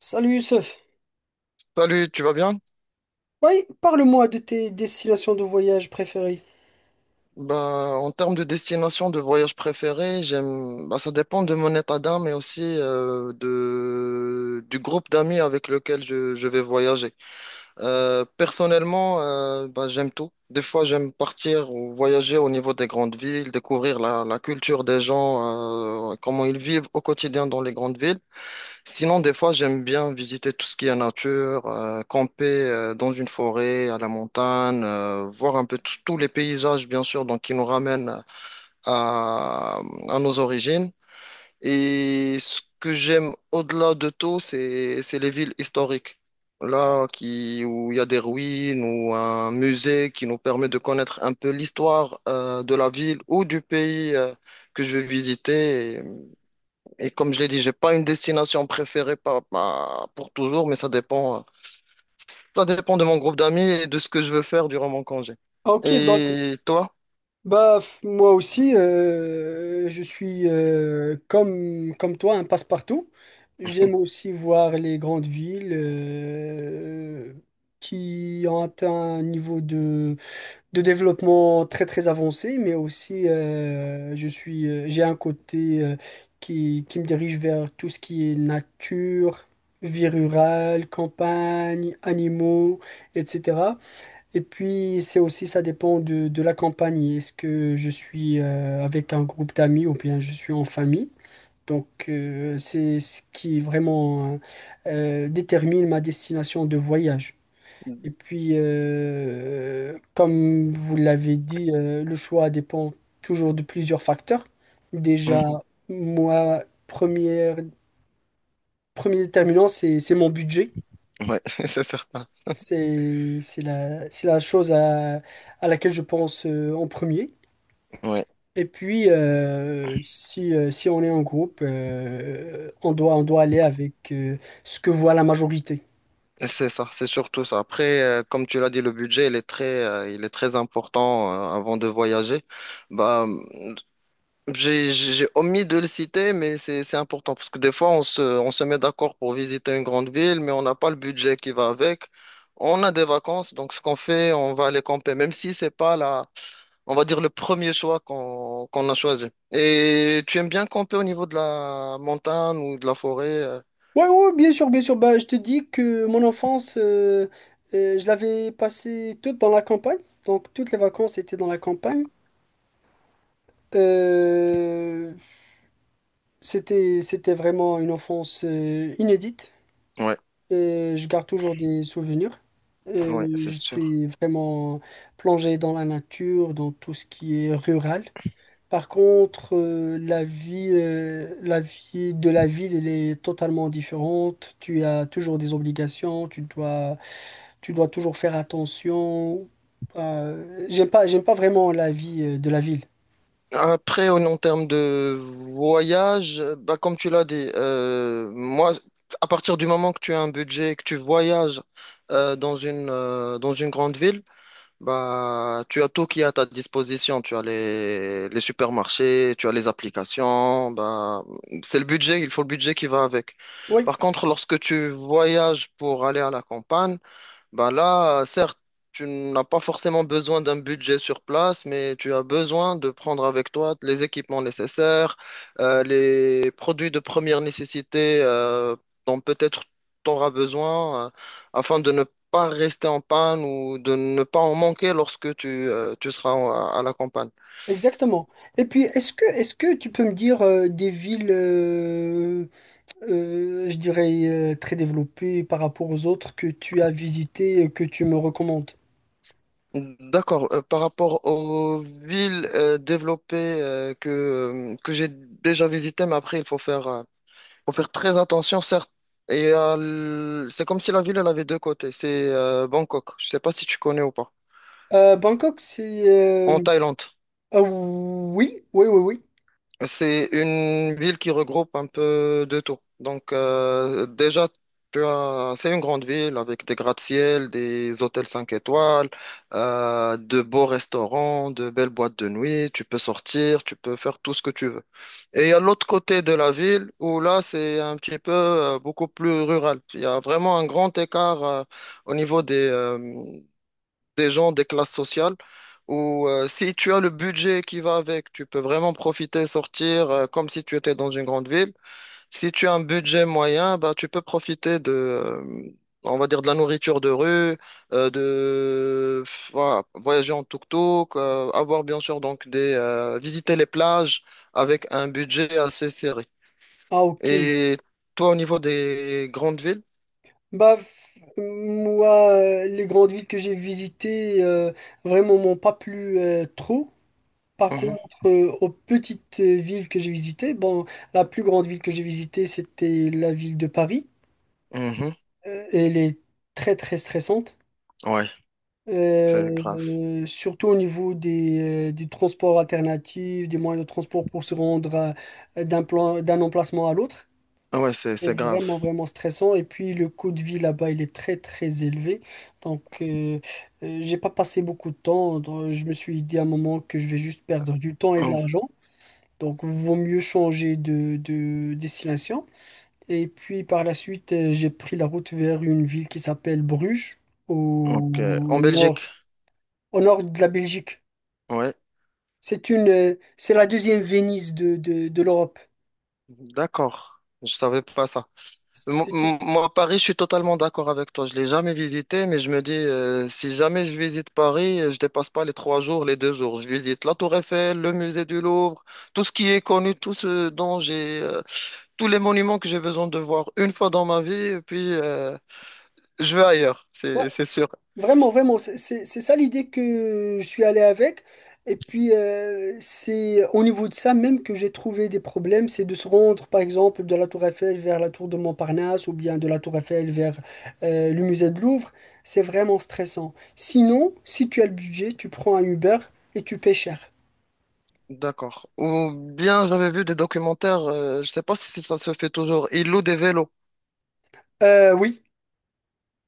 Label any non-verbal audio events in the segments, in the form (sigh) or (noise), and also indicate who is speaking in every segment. Speaker 1: Salut Youssef.
Speaker 2: Salut, tu vas bien?
Speaker 1: Oui, parle-moi de tes destinations de voyage préférées.
Speaker 2: Bah, en termes de destination de voyage préféré, j'aime, bah, ça dépend de mon état d'âme et aussi de, du groupe d'amis avec lequel je vais voyager. Personnellement, bah, j'aime tout. Des fois, j'aime partir ou voyager au niveau des grandes villes, découvrir la culture des gens, comment ils vivent au quotidien dans les grandes villes. Sinon, des fois, j'aime bien visiter tout ce qui est nature, camper dans une forêt, à la montagne, voir un peu tous tous les paysages, bien sûr, donc qui nous ramènent à, à nos origines. Et ce que j'aime au-delà de tout, c'est les villes historiques. Là, où il y a des ruines ou un musée qui nous permet de connaître un peu l'histoire de la ville ou du pays que je vais visiter. Et comme je l'ai dit, j'ai pas une destination préférée pour toujours, mais ça dépend de mon groupe d'amis et de ce que je veux faire durant mon congé.
Speaker 1: Ah, ok, donc
Speaker 2: Et toi?
Speaker 1: moi aussi, je suis, comme toi un passe-partout. J'aime aussi voir les grandes villes, qui ont atteint un niveau de développement très très avancé, mais aussi, je suis, j'ai un côté, qui me dirige vers tout ce qui est nature, vie rurale, campagne, animaux, etc. Et puis c'est aussi, ça dépend de la campagne. Est-ce que je suis, avec un groupe d'amis ou bien je suis en famille? Donc c'est ce qui vraiment détermine ma destination de voyage. Et puis, comme vous l'avez dit, le choix dépend toujours de plusieurs facteurs. Déjà,
Speaker 2: Mhm.
Speaker 1: moi, premier déterminant, c'est mon budget.
Speaker 2: Ouais, (laughs) c'est certain.
Speaker 1: C'est c'est la chose à laquelle je pense, en premier.
Speaker 2: Ouais,
Speaker 1: Et puis, si, si on est en groupe, on doit aller avec, ce que voit la majorité.
Speaker 2: c'est ça, c'est surtout ça. Après, comme tu l'as dit, le budget, il est très important, avant de voyager. Bah, j'ai omis de le citer, mais c'est important parce que des fois, on se met d'accord pour visiter une grande ville, mais on n'a pas le budget qui va avec. On a des vacances, donc ce qu'on fait, on va aller camper, même si c'est pas la, on va dire le premier choix qu'on a choisi. Et tu aimes bien camper au niveau de la montagne ou de la forêt?
Speaker 1: Ouais, ouais, ouais, bien sûr, bien sûr. Bah, je te dis que mon enfance, je l'avais passée toute dans la campagne. Donc, toutes les vacances étaient dans la campagne. Euh, c'était vraiment une enfance, inédite.
Speaker 2: Ouais,
Speaker 1: Je garde toujours des souvenirs.
Speaker 2: ouais, c'est sûr.
Speaker 1: J'étais vraiment plongé dans la nature, dans tout ce qui est rural. Par contre, la vie de la ville, elle est totalement différente. Tu as toujours des obligations, tu dois toujours faire attention. J'aime pas vraiment la vie, de la ville.
Speaker 2: Après, en termes de voyage, bah, comme tu l'as dit, moi, à partir du moment que tu as un budget et que tu voyages dans une grande ville, bah, tu as tout qui est à ta disposition. Tu as les supermarchés, tu as les applications. Bah, il faut le budget qui va avec.
Speaker 1: Oui,
Speaker 2: Par contre, lorsque tu voyages pour aller à la campagne, ben là, certes, tu n'as pas forcément besoin d'un budget sur place, mais tu as besoin de prendre avec toi les équipements nécessaires, les produits de première nécessité dont peut-être tu auras besoin afin de ne pas rester en panne ou de ne pas en manquer lorsque tu seras à la campagne.
Speaker 1: exactement. Et puis, est-ce que tu peux me dire, je dirais, très développées par rapport aux autres que tu as visitées et que tu me recommandes?
Speaker 2: D'accord. Par rapport aux villes développées que j'ai déjà visitées, mais après, il faut faire très attention, certes. Et c'est comme si la ville, elle avait deux côtés. C'est Bangkok. Je sais pas si tu connais ou pas.
Speaker 1: Bangkok, c'est...
Speaker 2: En Thaïlande.
Speaker 1: ah oui, oui, oui, oui.
Speaker 2: C'est une ville qui regroupe un peu de tout. Donc, déjà, c'est une grande ville avec des gratte-ciel, des hôtels 5 étoiles, de beaux restaurants, de belles boîtes de nuit. Tu peux sortir, tu peux faire tout ce que tu veux. Et il y a l'autre côté de la ville où là, c'est un petit peu beaucoup plus rural. Il y a vraiment un grand écart au niveau des, euh, des gens des classes sociales où si tu as le budget qui va avec, tu peux vraiment profiter, sortir comme si tu étais dans une grande ville. Si tu as un budget moyen, bah, tu peux profiter on va dire, de la nourriture de rue, de voilà, voyager en tuk-tuk, avoir bien sûr donc visiter les plages avec un budget assez serré.
Speaker 1: Ah ok.
Speaker 2: Et toi, au niveau des grandes villes?
Speaker 1: Moi, les grandes villes que j'ai visitées, vraiment, m'ont pas plu, trop. Par
Speaker 2: Mhm,
Speaker 1: contre, aux petites, villes que j'ai visitées, bon, la plus grande ville que j'ai visitée, c'était la ville de Paris.
Speaker 2: mhm,
Speaker 1: Elle est très très stressante.
Speaker 2: ouais, c'est
Speaker 1: Euh,
Speaker 2: grave.
Speaker 1: surtout au niveau des transports alternatifs, des moyens de transport pour se rendre d'un plan, d'un emplacement à l'autre.
Speaker 2: Ah ouais, c'est
Speaker 1: C'est
Speaker 2: c'est grave.
Speaker 1: vraiment vraiment stressant. Et puis le coût de vie là-bas, il est très très élevé. Donc, euh, j'ai pas passé beaucoup de temps. Donc, je me suis dit à un moment que je vais juste perdre du temps et de l'argent. Donc, vaut mieux changer de destination. Et puis, par la suite, j'ai pris la route vers une ville qui s'appelle Bruges, au
Speaker 2: Ok. En Belgique.
Speaker 1: nord, au nord de la Belgique.
Speaker 2: Ouais.
Speaker 1: C'est la deuxième Venise de l'Europe.
Speaker 2: D'accord. Je savais pas ça.
Speaker 1: C'est une,
Speaker 2: Moi, Paris, je suis totalement d'accord avec toi. Je l'ai jamais visité, mais je me dis, si jamais je visite Paris, je dépasse pas les trois jours, les deux jours. Je visite la Tour Eiffel, le musée du Louvre, tout ce qui est connu, tout ce dont j'ai, tous les monuments que j'ai besoin de voir une fois dans ma vie, et puis je vais ailleurs,
Speaker 1: ouais,
Speaker 2: c'est sûr.
Speaker 1: vraiment, vraiment, c'est ça l'idée que je suis allé avec. Et puis, c'est au niveau de ça même que j'ai trouvé des problèmes, c'est de se rendre, par exemple, de la Tour Eiffel vers la Tour de Montparnasse ou bien de la Tour Eiffel vers, le musée de Louvre. C'est vraiment stressant. Sinon, si tu as le budget, tu prends un Uber et tu paies cher.
Speaker 2: D'accord. Ou bien j'avais vu des documentaires, je sais pas si ça se fait toujours. Ils louent des vélos.
Speaker 1: Oui,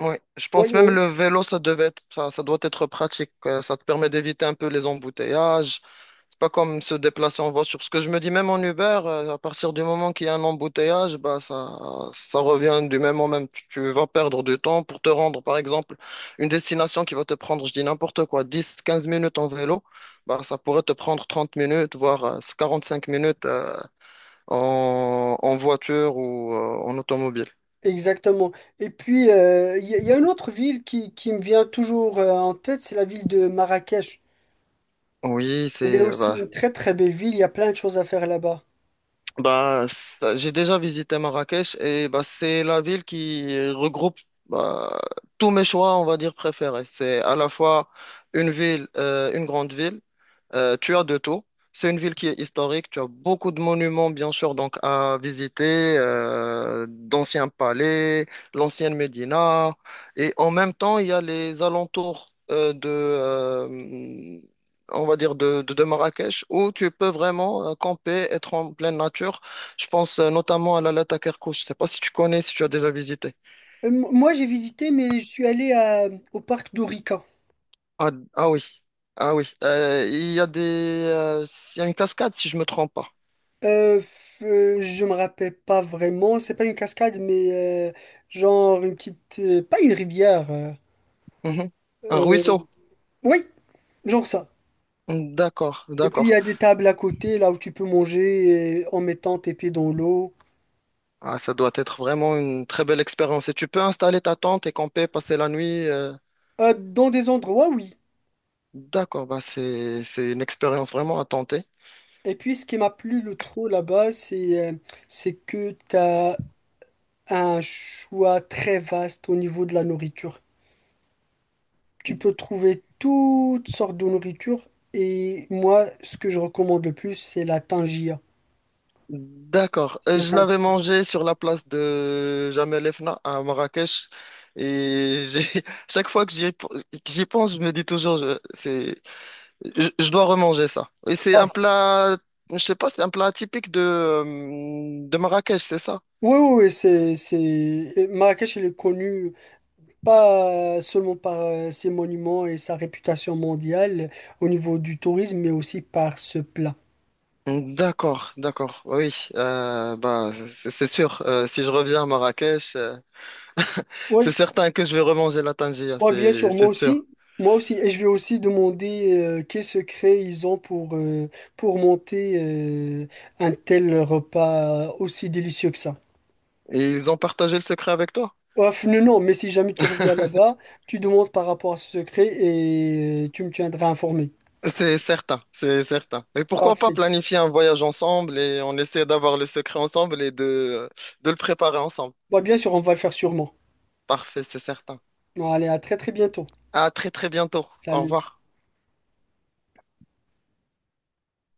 Speaker 2: Oui, je
Speaker 1: oui,
Speaker 2: pense même
Speaker 1: oui,
Speaker 2: le vélo, ça doit être pratique. Ça te permet d'éviter un peu les embouteillages. C'est pas comme se déplacer en voiture. Parce que je me dis, même en Uber, à partir du moment qu'il y a un embouteillage, ça revient du même au même. Tu vas perdre du temps pour te rendre, par exemple, une destination qui va te prendre, je dis n'importe quoi, 10, 15 minutes en vélo. Bah, ça pourrait te prendre 30 minutes, voire cinq minutes, en voiture ou en automobile.
Speaker 1: exactement. Et puis, il y a une autre ville qui me vient toujours, en tête, c'est la ville de Marrakech.
Speaker 2: Oui,
Speaker 1: Il est
Speaker 2: c'est,
Speaker 1: aussi
Speaker 2: bah,
Speaker 1: une très très belle ville, il y a plein de choses à faire là-bas.
Speaker 2: bah, j'ai déjà visité Marrakech et bah, c'est la ville qui regroupe bah, tous mes choix, on va dire, préférés. C'est à la fois une grande ville, tu as de tout. C'est une ville qui est historique, tu as beaucoup de monuments, bien sûr, donc à visiter, d'anciens palais, l'ancienne Médina. Et en même temps, il y a les alentours on va dire, de Marrakech, où tu peux vraiment camper, être en pleine nature. Je pense notamment à la Takerkouch. Je ne sais pas si tu connais, si tu as déjà visité.
Speaker 1: Moi j'ai visité, mais je suis allé au parc d'Orica.
Speaker 2: Ah, ah oui, ah oui. Il y a une cascade, si je me trompe pas.
Speaker 1: Je me rappelle pas vraiment, c'est pas une cascade, mais, genre une petite. Pas une rivière.
Speaker 2: Mhm. Un
Speaker 1: Euh,
Speaker 2: ruisseau.
Speaker 1: oui, genre ça.
Speaker 2: D'accord,
Speaker 1: Et puis il y
Speaker 2: d'accord.
Speaker 1: a des tables à côté, là où tu peux manger, en mettant tes pieds dans l'eau.
Speaker 2: Ah, ça doit être vraiment une très belle expérience. Et tu peux installer ta tente et camper, passer la nuit.
Speaker 1: Dans des endroits, oui.
Speaker 2: D'accord, c'est une expérience vraiment à tenter.
Speaker 1: Et puis ce qui m'a plu le trop là-bas, c'est, c'est que t'as un choix très vaste au niveau de la nourriture. Tu peux trouver toutes sortes de nourriture et moi, ce que je recommande le plus, c'est la tangia.
Speaker 2: D'accord.
Speaker 1: C'est
Speaker 2: Je
Speaker 1: un...
Speaker 2: l'avais mangé sur la place de Jamel Fna à Marrakech. Et (laughs) chaque fois que que j'y pense, je me dis toujours, je, c'est, je dois remanger ça. Et c'est
Speaker 1: Ah,
Speaker 2: un plat, je sais pas, c'est un plat typique de Marrakech, c'est ça?
Speaker 1: oui, oui, oui, c'est... Marrakech, elle est connue pas seulement par, ses monuments et sa réputation mondiale au niveau du tourisme, mais aussi par ce plat.
Speaker 2: D'accord, d'accord. Oui, bah, c'est sûr. Si je reviens à Marrakech, c'est
Speaker 1: Oui,
Speaker 2: certain que je vais remanger la tangia,
Speaker 1: ouais, bien
Speaker 2: c'est
Speaker 1: sûr, moi
Speaker 2: c'est sûr.
Speaker 1: aussi. Moi aussi, et je vais aussi demander, quel secret ils ont pour monter, un tel repas aussi délicieux que ça.
Speaker 2: Et ils ont partagé le secret avec toi?
Speaker 1: Ouf, non, non, mais si jamais tu reviens
Speaker 2: (laughs)
Speaker 1: là-bas, tu demandes par rapport à ce secret et tu me tiendras informé.
Speaker 2: C'est certain, c'est certain. Et pourquoi pas
Speaker 1: Parfait.
Speaker 2: planifier un voyage ensemble et on essaie d'avoir le secret ensemble de le préparer ensemble.
Speaker 1: Bah, bien sûr, on va le faire sûrement.
Speaker 2: Parfait, c'est certain.
Speaker 1: Bon, allez, à très très bientôt.
Speaker 2: À très très bientôt. Au
Speaker 1: Salut.
Speaker 2: revoir.